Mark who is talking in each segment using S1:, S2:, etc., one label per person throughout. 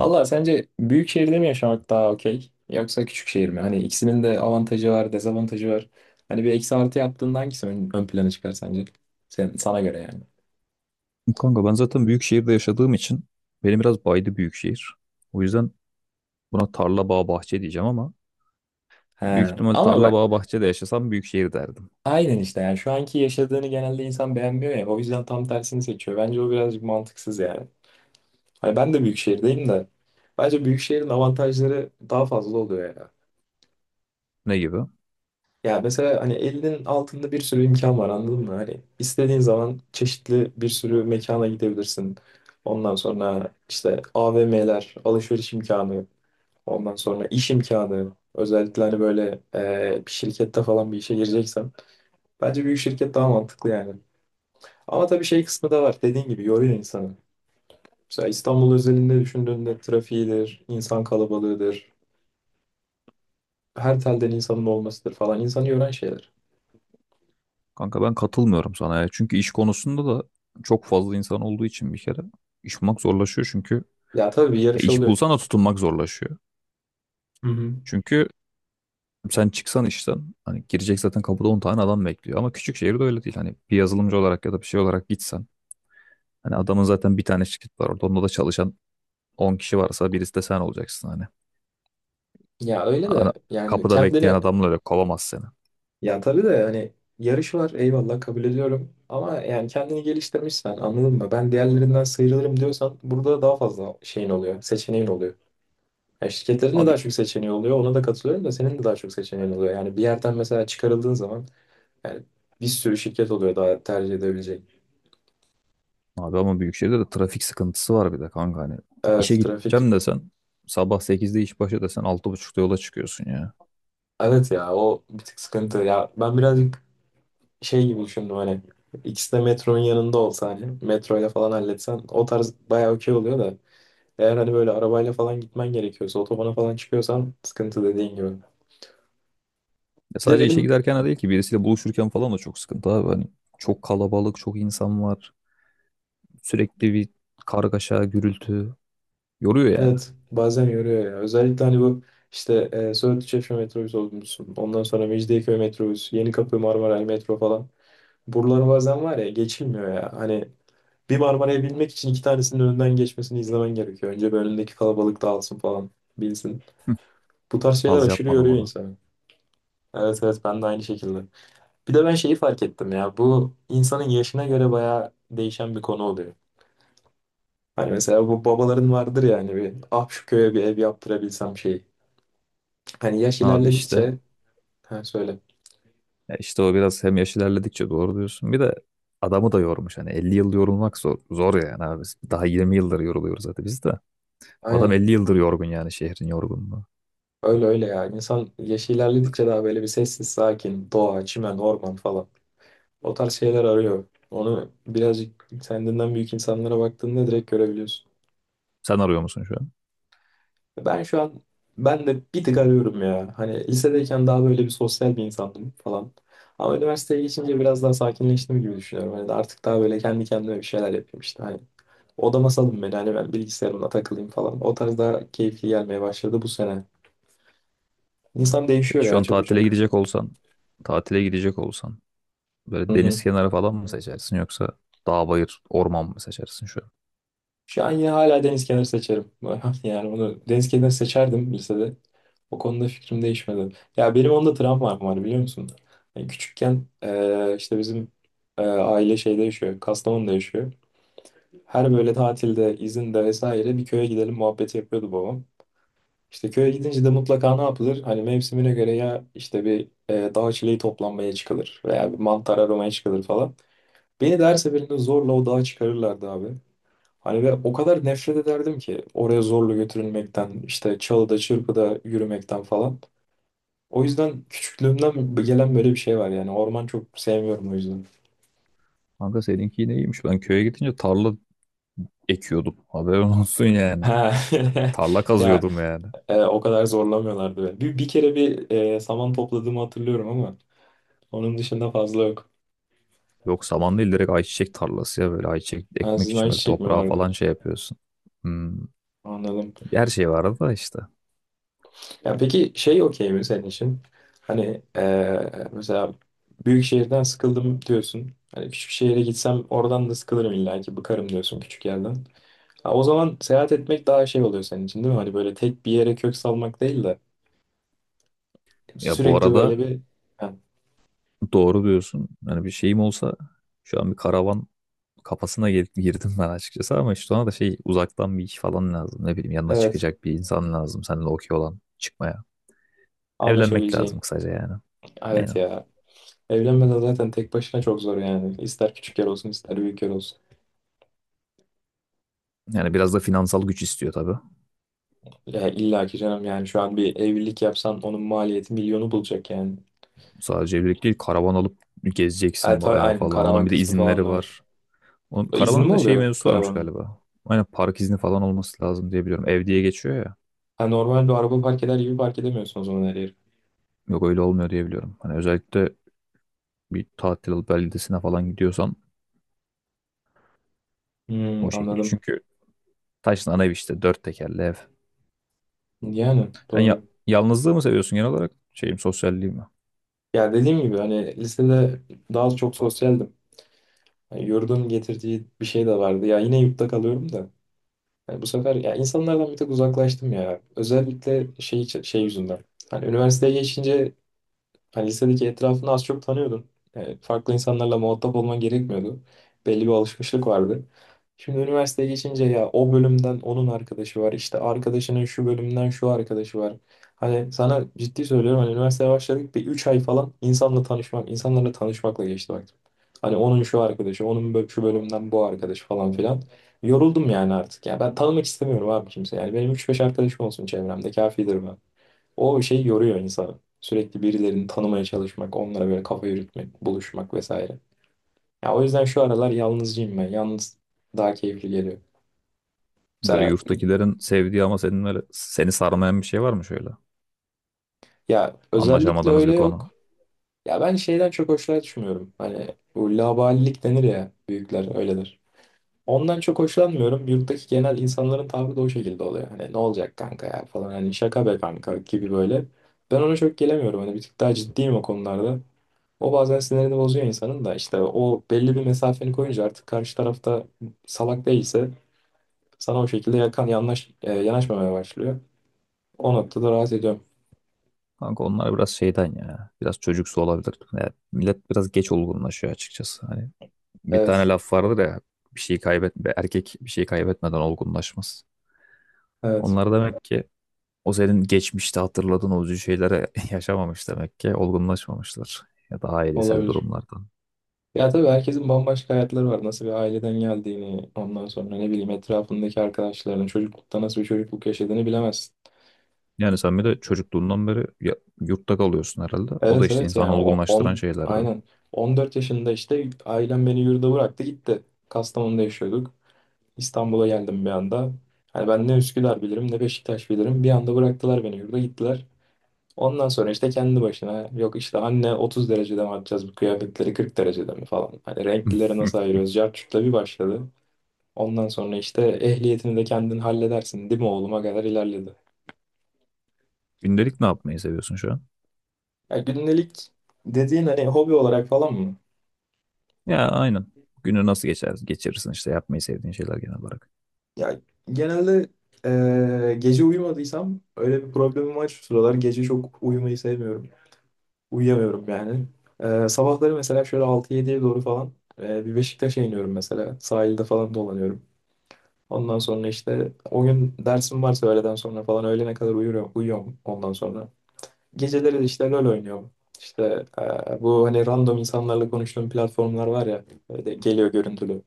S1: Valla sence büyük şehirde mi yaşamak daha okey yoksa küçük şehir mi? Hani ikisinin de avantajı var, dezavantajı var. Hani bir eksi artı yaptığında hangisi ön plana çıkar sence? Sana göre yani.
S2: Kanka ben zaten büyük şehirde yaşadığım için benim biraz baydı büyük şehir. O yüzden buna tarla bağ bahçe diyeceğim ama
S1: He.
S2: büyük ihtimal
S1: Ama
S2: tarla
S1: bak
S2: bağ bahçede yaşasam büyük şehir derdim.
S1: aynen işte yani şu anki yaşadığını genelde insan beğenmiyor ya o yüzden tam tersini seçiyor. Bence o birazcık mantıksız yani. Hani ben de büyük şehirdeyim de bence büyük şehrin avantajları daha fazla oluyor ya.
S2: Ne gibi?
S1: Ya mesela hani elinin altında bir sürü imkan var anladın mı? Hani istediğin zaman çeşitli bir sürü mekana gidebilirsin. Ondan sonra işte AVM'ler, alışveriş imkanı, ondan sonra iş imkanı. Özellikle hani böyle bir şirkette falan bir işe gireceksen. Bence büyük şirket daha mantıklı yani. Ama tabii şey kısmı da var. Dediğin gibi yoruyor insanı. Mesela İstanbul özelinde düşündüğünde trafiğidir, insan kalabalığıdır, her telden insanın olmasıdır falan insanı yoran şeyler.
S2: Kanka ben katılmıyorum sana ya. Çünkü iş konusunda da çok fazla insan olduğu için bir kere iş bulmak zorlaşıyor çünkü
S1: Ya tabii bir
S2: ya
S1: yarış
S2: iş
S1: oluyor.
S2: bulsan da tutunmak zorlaşıyor.
S1: Hı hı.
S2: Çünkü sen çıksan işten hani girecek zaten kapıda 10 tane adam bekliyor ama küçük şehirde öyle değil. Hani bir yazılımcı olarak ya da bir şey olarak gitsen hani adamın zaten bir tane şirket var orada onda da çalışan on kişi varsa birisi de sen olacaksın hani.
S1: Ya öyle de
S2: Ana-
S1: yani
S2: Kapıda bekleyen
S1: kendini
S2: adamla öyle kovamaz seni.
S1: ya tabii de hani yarış var, eyvallah kabul ediyorum. Ama yani kendini geliştirmişsen anladın mı? Ben diğerlerinden sıyrılırım diyorsan burada daha fazla şeyin oluyor, seçeneğin oluyor. Ya şirketlerin de
S2: Abi,
S1: daha çok seçeneği oluyor. Ona da katılıyorum da senin de daha çok seçeneğin oluyor. Yani bir yerden mesela çıkarıldığın zaman yani bir sürü şirket oluyor daha tercih edebileceğin.
S2: abi, ama büyük şehirde de trafik sıkıntısı var bir de kanka hani. İşe
S1: Evet, trafik.
S2: gideceğim desen sabah sekizde iş başı desen altı buçukta yola çıkıyorsun ya.
S1: Evet ya, o bir tık sıkıntı. Ya ben birazcık şey gibi düşündüm hani ikisi de metronun yanında olsa hani metroyla falan halletsen o tarz bayağı okey oluyor da eğer hani böyle arabayla falan gitmen gerekiyorsa otobana falan çıkıyorsan sıkıntı dediğin gibi.
S2: Ya
S1: Bir de
S2: sadece işe
S1: benim,
S2: giderken de değil ki birisiyle buluşurken falan da çok sıkıntı abi. Hani çok kalabalık, çok insan var. Sürekli bir kargaşa, gürültü. Yoruyor yani.
S1: evet bazen yoruyor ya özellikle hani bu işte Söğütlü Çeşme metrobüsü olmuşsun ondan sonra Mecidiyeköy metrobüsü Yenikapı Marmaray metro falan buralar bazen var ya geçilmiyor ya hani bir Marmara'ya binmek için iki tanesinin önünden geçmesini izlemen gerekiyor. Önce bir önündeki kalabalık dağılsın falan bilsin. Bu tarz şeyler
S2: Az
S1: aşırı
S2: yapmadım
S1: yoruyor
S2: ona.
S1: insanı. Evet evet, ben de aynı şekilde. Bir de ben şeyi fark ettim ya bu insanın yaşına göre bayağı değişen bir konu oluyor. Hani mesela bu babaların vardır yani bir ah şu köye bir ev yaptırabilsem şeyi. Hani yaş
S2: Abi işte
S1: ilerledikçe, ha söyle.
S2: Ya işte o biraz hem yaş ilerledikçe doğru diyorsun. Bir de adamı da yormuş. Hani 50 yıl yorulmak zor, yani abi. Daha 20 yıldır yoruluyoruz zaten biz de. Adam
S1: Aynen,
S2: 50 yıldır yorgun yani şehrin yorgunluğu.
S1: öyle öyle ya, insan yaş ilerledikçe daha böyle bir sessiz sakin doğa çimen orman falan o tarz şeyler arıyor. Onu birazcık kendinden büyük insanlara baktığında direkt görebiliyorsun.
S2: Sen arıyor musun şu an?
S1: Ben şu an, ben de bir tık arıyorum ya. Hani lisedeyken daha böyle bir sosyal bir insandım falan. Ama üniversiteye geçince biraz daha sakinleştim gibi düşünüyorum. Hani de artık daha böyle kendi kendime bir şeyler yapayım işte. Hani odama salın beni, hani ben bilgisayarımla takılayım falan. O tarz daha keyifli gelmeye başladı bu sene. İnsan değişiyor
S2: Peki şu
S1: ya
S2: an tatile
S1: çabucak.
S2: gidecek olsan, tatile gidecek olsan
S1: Hı
S2: böyle
S1: hı.
S2: deniz kenarı falan mı seçersin yoksa dağ bayır orman mı seçersin şu an?
S1: Şu an yine hala deniz kenarı seçerim. Yani onu deniz kenarı seçerdim lisede. O konuda fikrim değişmedi. Ya benim onda travmam var, biliyor musun? Yani küçükken işte bizim aile şeyde yaşıyor. Kastamonu'da yaşıyor. Her böyle tatilde, izinde vesaire bir köye gidelim muhabbeti yapıyordu babam. İşte köye gidince de mutlaka ne yapılır? Hani mevsimine göre ya işte bir dağ çileği toplanmaya çıkılır veya bir mantar aramaya çıkılır falan. Beni de her seferinde zorla o dağa çıkarırlardı abi. Hani ve o kadar nefret ederdim ki oraya zorla götürülmekten, işte çalıda çırpıda yürümekten falan. O yüzden küçüklüğümden gelen böyle bir şey var yani. Orman çok sevmiyorum o yüzden.
S2: Kanka seninki yine iyiymiş. Ben köye gidince tarla ekiyordum. Haberin olsun yani.
S1: Ha.
S2: Tarla
S1: Ya
S2: kazıyordum yani.
S1: o kadar zorlamıyorlardı beni. Bir kere bir saman topladığımı hatırlıyorum ama onun dışında fazla yok.
S2: Yok saman değil direkt ayçiçek tarlası ya böyle ayçiçek
S1: Ha,
S2: ekmek
S1: sizin
S2: için böyle
S1: ayçiçek mi
S2: toprağa falan
S1: vardı?
S2: şey yapıyorsun. Hmm.
S1: Anladım.
S2: Her şey var da işte.
S1: Ya peki şey okey mi senin için? Hani mesela büyük şehirden sıkıldım diyorsun. Hani küçük şehire gitsem oradan da sıkılırım illa ki bıkarım diyorsun küçük yerden. Ha, o zaman seyahat etmek daha şey oluyor senin için değil mi? Hani böyle tek bir yere kök salmak değil de
S2: Ya bu
S1: sürekli böyle
S2: arada
S1: bir, ha,
S2: doğru diyorsun. Yani bir şeyim olsa şu an bir karavan kafasına girdim ben açıkçası ama işte ona da şey uzaktan bir iş falan lazım. Ne bileyim yanına
S1: evet
S2: çıkacak bir insan lazım. Seninle okey olan çıkmaya. Evlenmek lazım
S1: anlaşabileceğin.
S2: kısaca yani.
S1: Evet
S2: Aynen.
S1: ya. Evlenmeden zaten tek başına çok zor yani. İster küçük yer olsun ister büyük yer olsun.
S2: Yani biraz da finansal güç istiyor tabii.
S1: Ya illa ki canım yani şu an bir evlilik yapsan onun maliyeti milyonu bulacak yani.
S2: Sadece evlilik değil karavan alıp gezeceksin
S1: Tabii
S2: bayağı
S1: aynen
S2: falan.
S1: karavan
S2: Onun bir de
S1: kısmı falan
S2: izinleri
S1: da var.
S2: var. Onun,
S1: İzni
S2: karavanın
S1: mi
S2: bir de şey
S1: oluyor
S2: mevzusu varmış
S1: karavanın?
S2: galiba. Aynen park izni falan olması lazım diye biliyorum. Ev diye geçiyor ya.
S1: Ha, normal bir araba park eder gibi park edemiyorsun o zaman her yeri.
S2: Yok öyle olmuyor diye biliyorum. Hani özellikle bir tatil alıp beldesine falan gidiyorsan o
S1: Hmm,
S2: şekil.
S1: anladım.
S2: Çünkü Taş'ın ana evi işte dört tekerli ev.
S1: Yani
S2: Sen ya
S1: doğru.
S2: yalnızlığı mı seviyorsun genel olarak? Şeyim sosyalliği mi?
S1: Ya dediğim gibi hani lisede daha çok sosyaldim. Yani yurdun getirdiği bir şey de vardı. Ya yine yurtta kalıyorum da. Yani bu sefer ya insanlardan bir tek uzaklaştım ya. Özellikle şey yüzünden. Hani üniversiteye geçince, hani lisedeki etrafını az çok tanıyordun. Farklı insanlarla muhatap olman gerekmiyordu. Belli bir alışmışlık vardı. Şimdi üniversiteye geçince ya o bölümden onun arkadaşı var. İşte arkadaşının şu bölümden şu arkadaşı var. Hani sana ciddi söylüyorum hani üniversiteye başladık bir 3 ay falan insanla tanışmak, insanlarla tanışmakla geçti bak. Hani onun şu arkadaşı, onun şu bölümden bu arkadaş falan filan. Yoruldum yani artık ya. Ben tanımak istemiyorum abi kimse. Yani benim üç beş arkadaşım olsun çevremde kafidir, o şey yoruyor insanı. Sürekli birilerini tanımaya çalışmak, onlara böyle kafa yürütmek, buluşmak vesaire. Ya o yüzden şu aralar yalnızcıyım ben. Yalnız daha keyifli geliyor.
S2: Böyle
S1: Mesela,
S2: yurttakilerin sevdiği ama senin böyle seni sarmayan bir şey var mı şöyle?
S1: ya özellikle
S2: Anlaşamadığınız bir
S1: öyle
S2: konu.
S1: yok. Ya ben şeyden çok hoşlanmıyorum. Hani bu laubalilik denir ya, büyükler öyledir. Ondan çok hoşlanmıyorum. Yurttaki genel insanların tavrı da o şekilde oluyor. Hani ne olacak kanka ya falan. Hani şaka be kanka gibi böyle. Ben ona çok gelemiyorum. Hani bir tık daha ciddiyim o konularda. O bazen sinirini bozuyor insanın da işte o belli bir mesafeni koyunca artık karşı tarafta salak değilse sana o şekilde yanaşmamaya başlıyor. O noktada rahat ediyorum.
S2: Kanka onlar biraz şeyden ya. Biraz çocuksu olabilir. Yani millet biraz geç olgunlaşıyor açıkçası. Hani bir tane
S1: Evet,
S2: laf vardır ya, bir şeyi kaybetme erkek bir şeyi kaybetmeden olgunlaşmaz.
S1: evet
S2: Onlar demek ki o senin geçmişte hatırladığın o üzücü şeyleri yaşamamış demek ki olgunlaşmamışlar ya da ailesel
S1: olabilir.
S2: durumlardan.
S1: Ya tabii herkesin bambaşka hayatları var. Nasıl bir aileden geldiğini, ondan sonra ne bileyim etrafındaki arkadaşlarının çocuklukta nasıl bir çocukluk yaşadığını bilemezsin.
S2: Yani sen bir de çocukluğundan beri yurtta kalıyorsun herhalde. O
S1: Evet
S2: da işte
S1: evet, yani
S2: insanı
S1: o
S2: olgunlaştıran
S1: 10
S2: şeylerden.
S1: aynen 14 yaşında işte ailem beni yurda bıraktı gitti. Kastamonu'da yaşıyorduk. İstanbul'a geldim bir anda. Hani ben ne Üsküdar bilirim ne Beşiktaş bilirim. Bir anda bıraktılar beni yurda gittiler. Ondan sonra işte kendi başına yok işte anne 30 derecede mi atacağız bu kıyafetleri 40 derecede mi falan. Hani renklileri nasıl ayırıyoruz? Cartçuk'la bir başladı. Ondan sonra işte ehliyetini de kendin halledersin değil mi oğluma kadar ilerledi.
S2: Gündelik ne yapmayı seviyorsun şu an?
S1: Ya gündelik dediğin hani hobi olarak falan mı?
S2: Ya aynen. Günü nasıl geçirirsin işte yapmayı sevdiğin şeyler genel olarak.
S1: Ya genelde gece uyumadıysam öyle bir problemim var şu sıralar. Gece çok uyumayı sevmiyorum. Uyuyamıyorum yani. Sabahları mesela şöyle altı yediye doğru falan, bir Beşiktaş'a iniyorum mesela. Sahilde falan dolanıyorum. Ondan sonra işte o gün dersim varsa öğleden sonra falan öğlene kadar uyuyorum, uyuyorum ondan sonra. Geceleri de işte LoL oynuyorum. İşte bu hani random insanlarla konuştuğum platformlar var ya böyle geliyor görüntülü.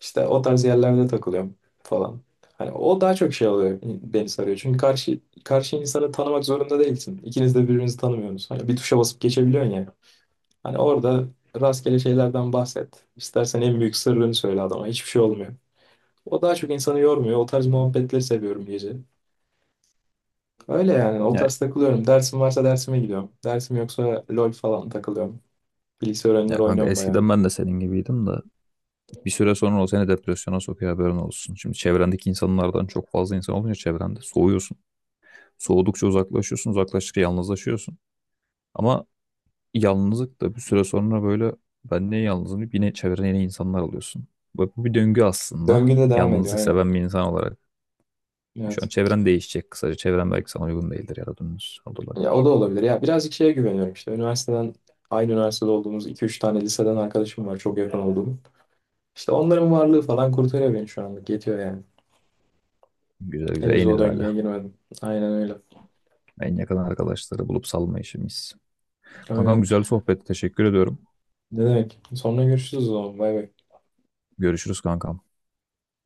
S1: İşte o tarz yerlerde takılıyorum falan. Hani o daha çok şey oluyor, beni sarıyor. Çünkü karşı insanı tanımak zorunda değilsin. İkiniz de birbirinizi tanımıyorsunuz. Hani bir tuşa basıp geçebiliyorsun ya. Hani orada rastgele şeylerden bahset. İstersen en büyük sırrını söyle adama. Hiçbir şey olmuyor. O daha çok insanı yormuyor. O tarz muhabbetleri seviyorum gece. Öyle yani. O
S2: Ya,
S1: tarz takılıyorum. Dersim varsa dersime gidiyorum. Dersim yoksa LOL falan takılıyorum. Bilgisayar
S2: ya
S1: oyunları
S2: kanka
S1: oynuyorum bayağı.
S2: eskiden ben de senin gibiydim de bir süre sonra o seni depresyona sokuyor haberin olsun. Şimdi çevrendeki insanlardan çok fazla insan olunca çevrende soğuyorsun. Soğudukça uzaklaşıyorsun, uzaklaştıkça yalnızlaşıyorsun. Ama yalnızlık da bir süre sonra böyle ben niye yalnızım deyip yine çevrene yeni insanlar alıyorsun. Ve bu bir döngü aslında.
S1: Döngüde devam ediyor
S2: Yalnızlık
S1: aynen.
S2: seven bir insan olarak. Şu an
S1: Evet.
S2: çevren değişecek kısaca. Çevren belki sana uygun değildir ya da dümdüz
S1: Ya
S2: olabilir.
S1: o da olabilir. Ya birazcık şeye güveniyorum işte. Üniversiteden, aynı üniversitede olduğumuz iki üç tane liseden arkadaşım var çok yakın olduğum. İşte onların varlığı falan kurtarıyor beni şu anlık. Yetiyor yani.
S2: Güzel güzel,
S1: Henüz
S2: en
S1: o
S2: ideali.
S1: döngüye girmedim. Aynen öyle.
S2: En yakın arkadaşları bulup salma işimiz. Kankam
S1: Öyle.
S2: güzel sohbet. Teşekkür ediyorum.
S1: Ne demek? Sonra görüşürüz o zaman. Bay bay.
S2: Görüşürüz kankam.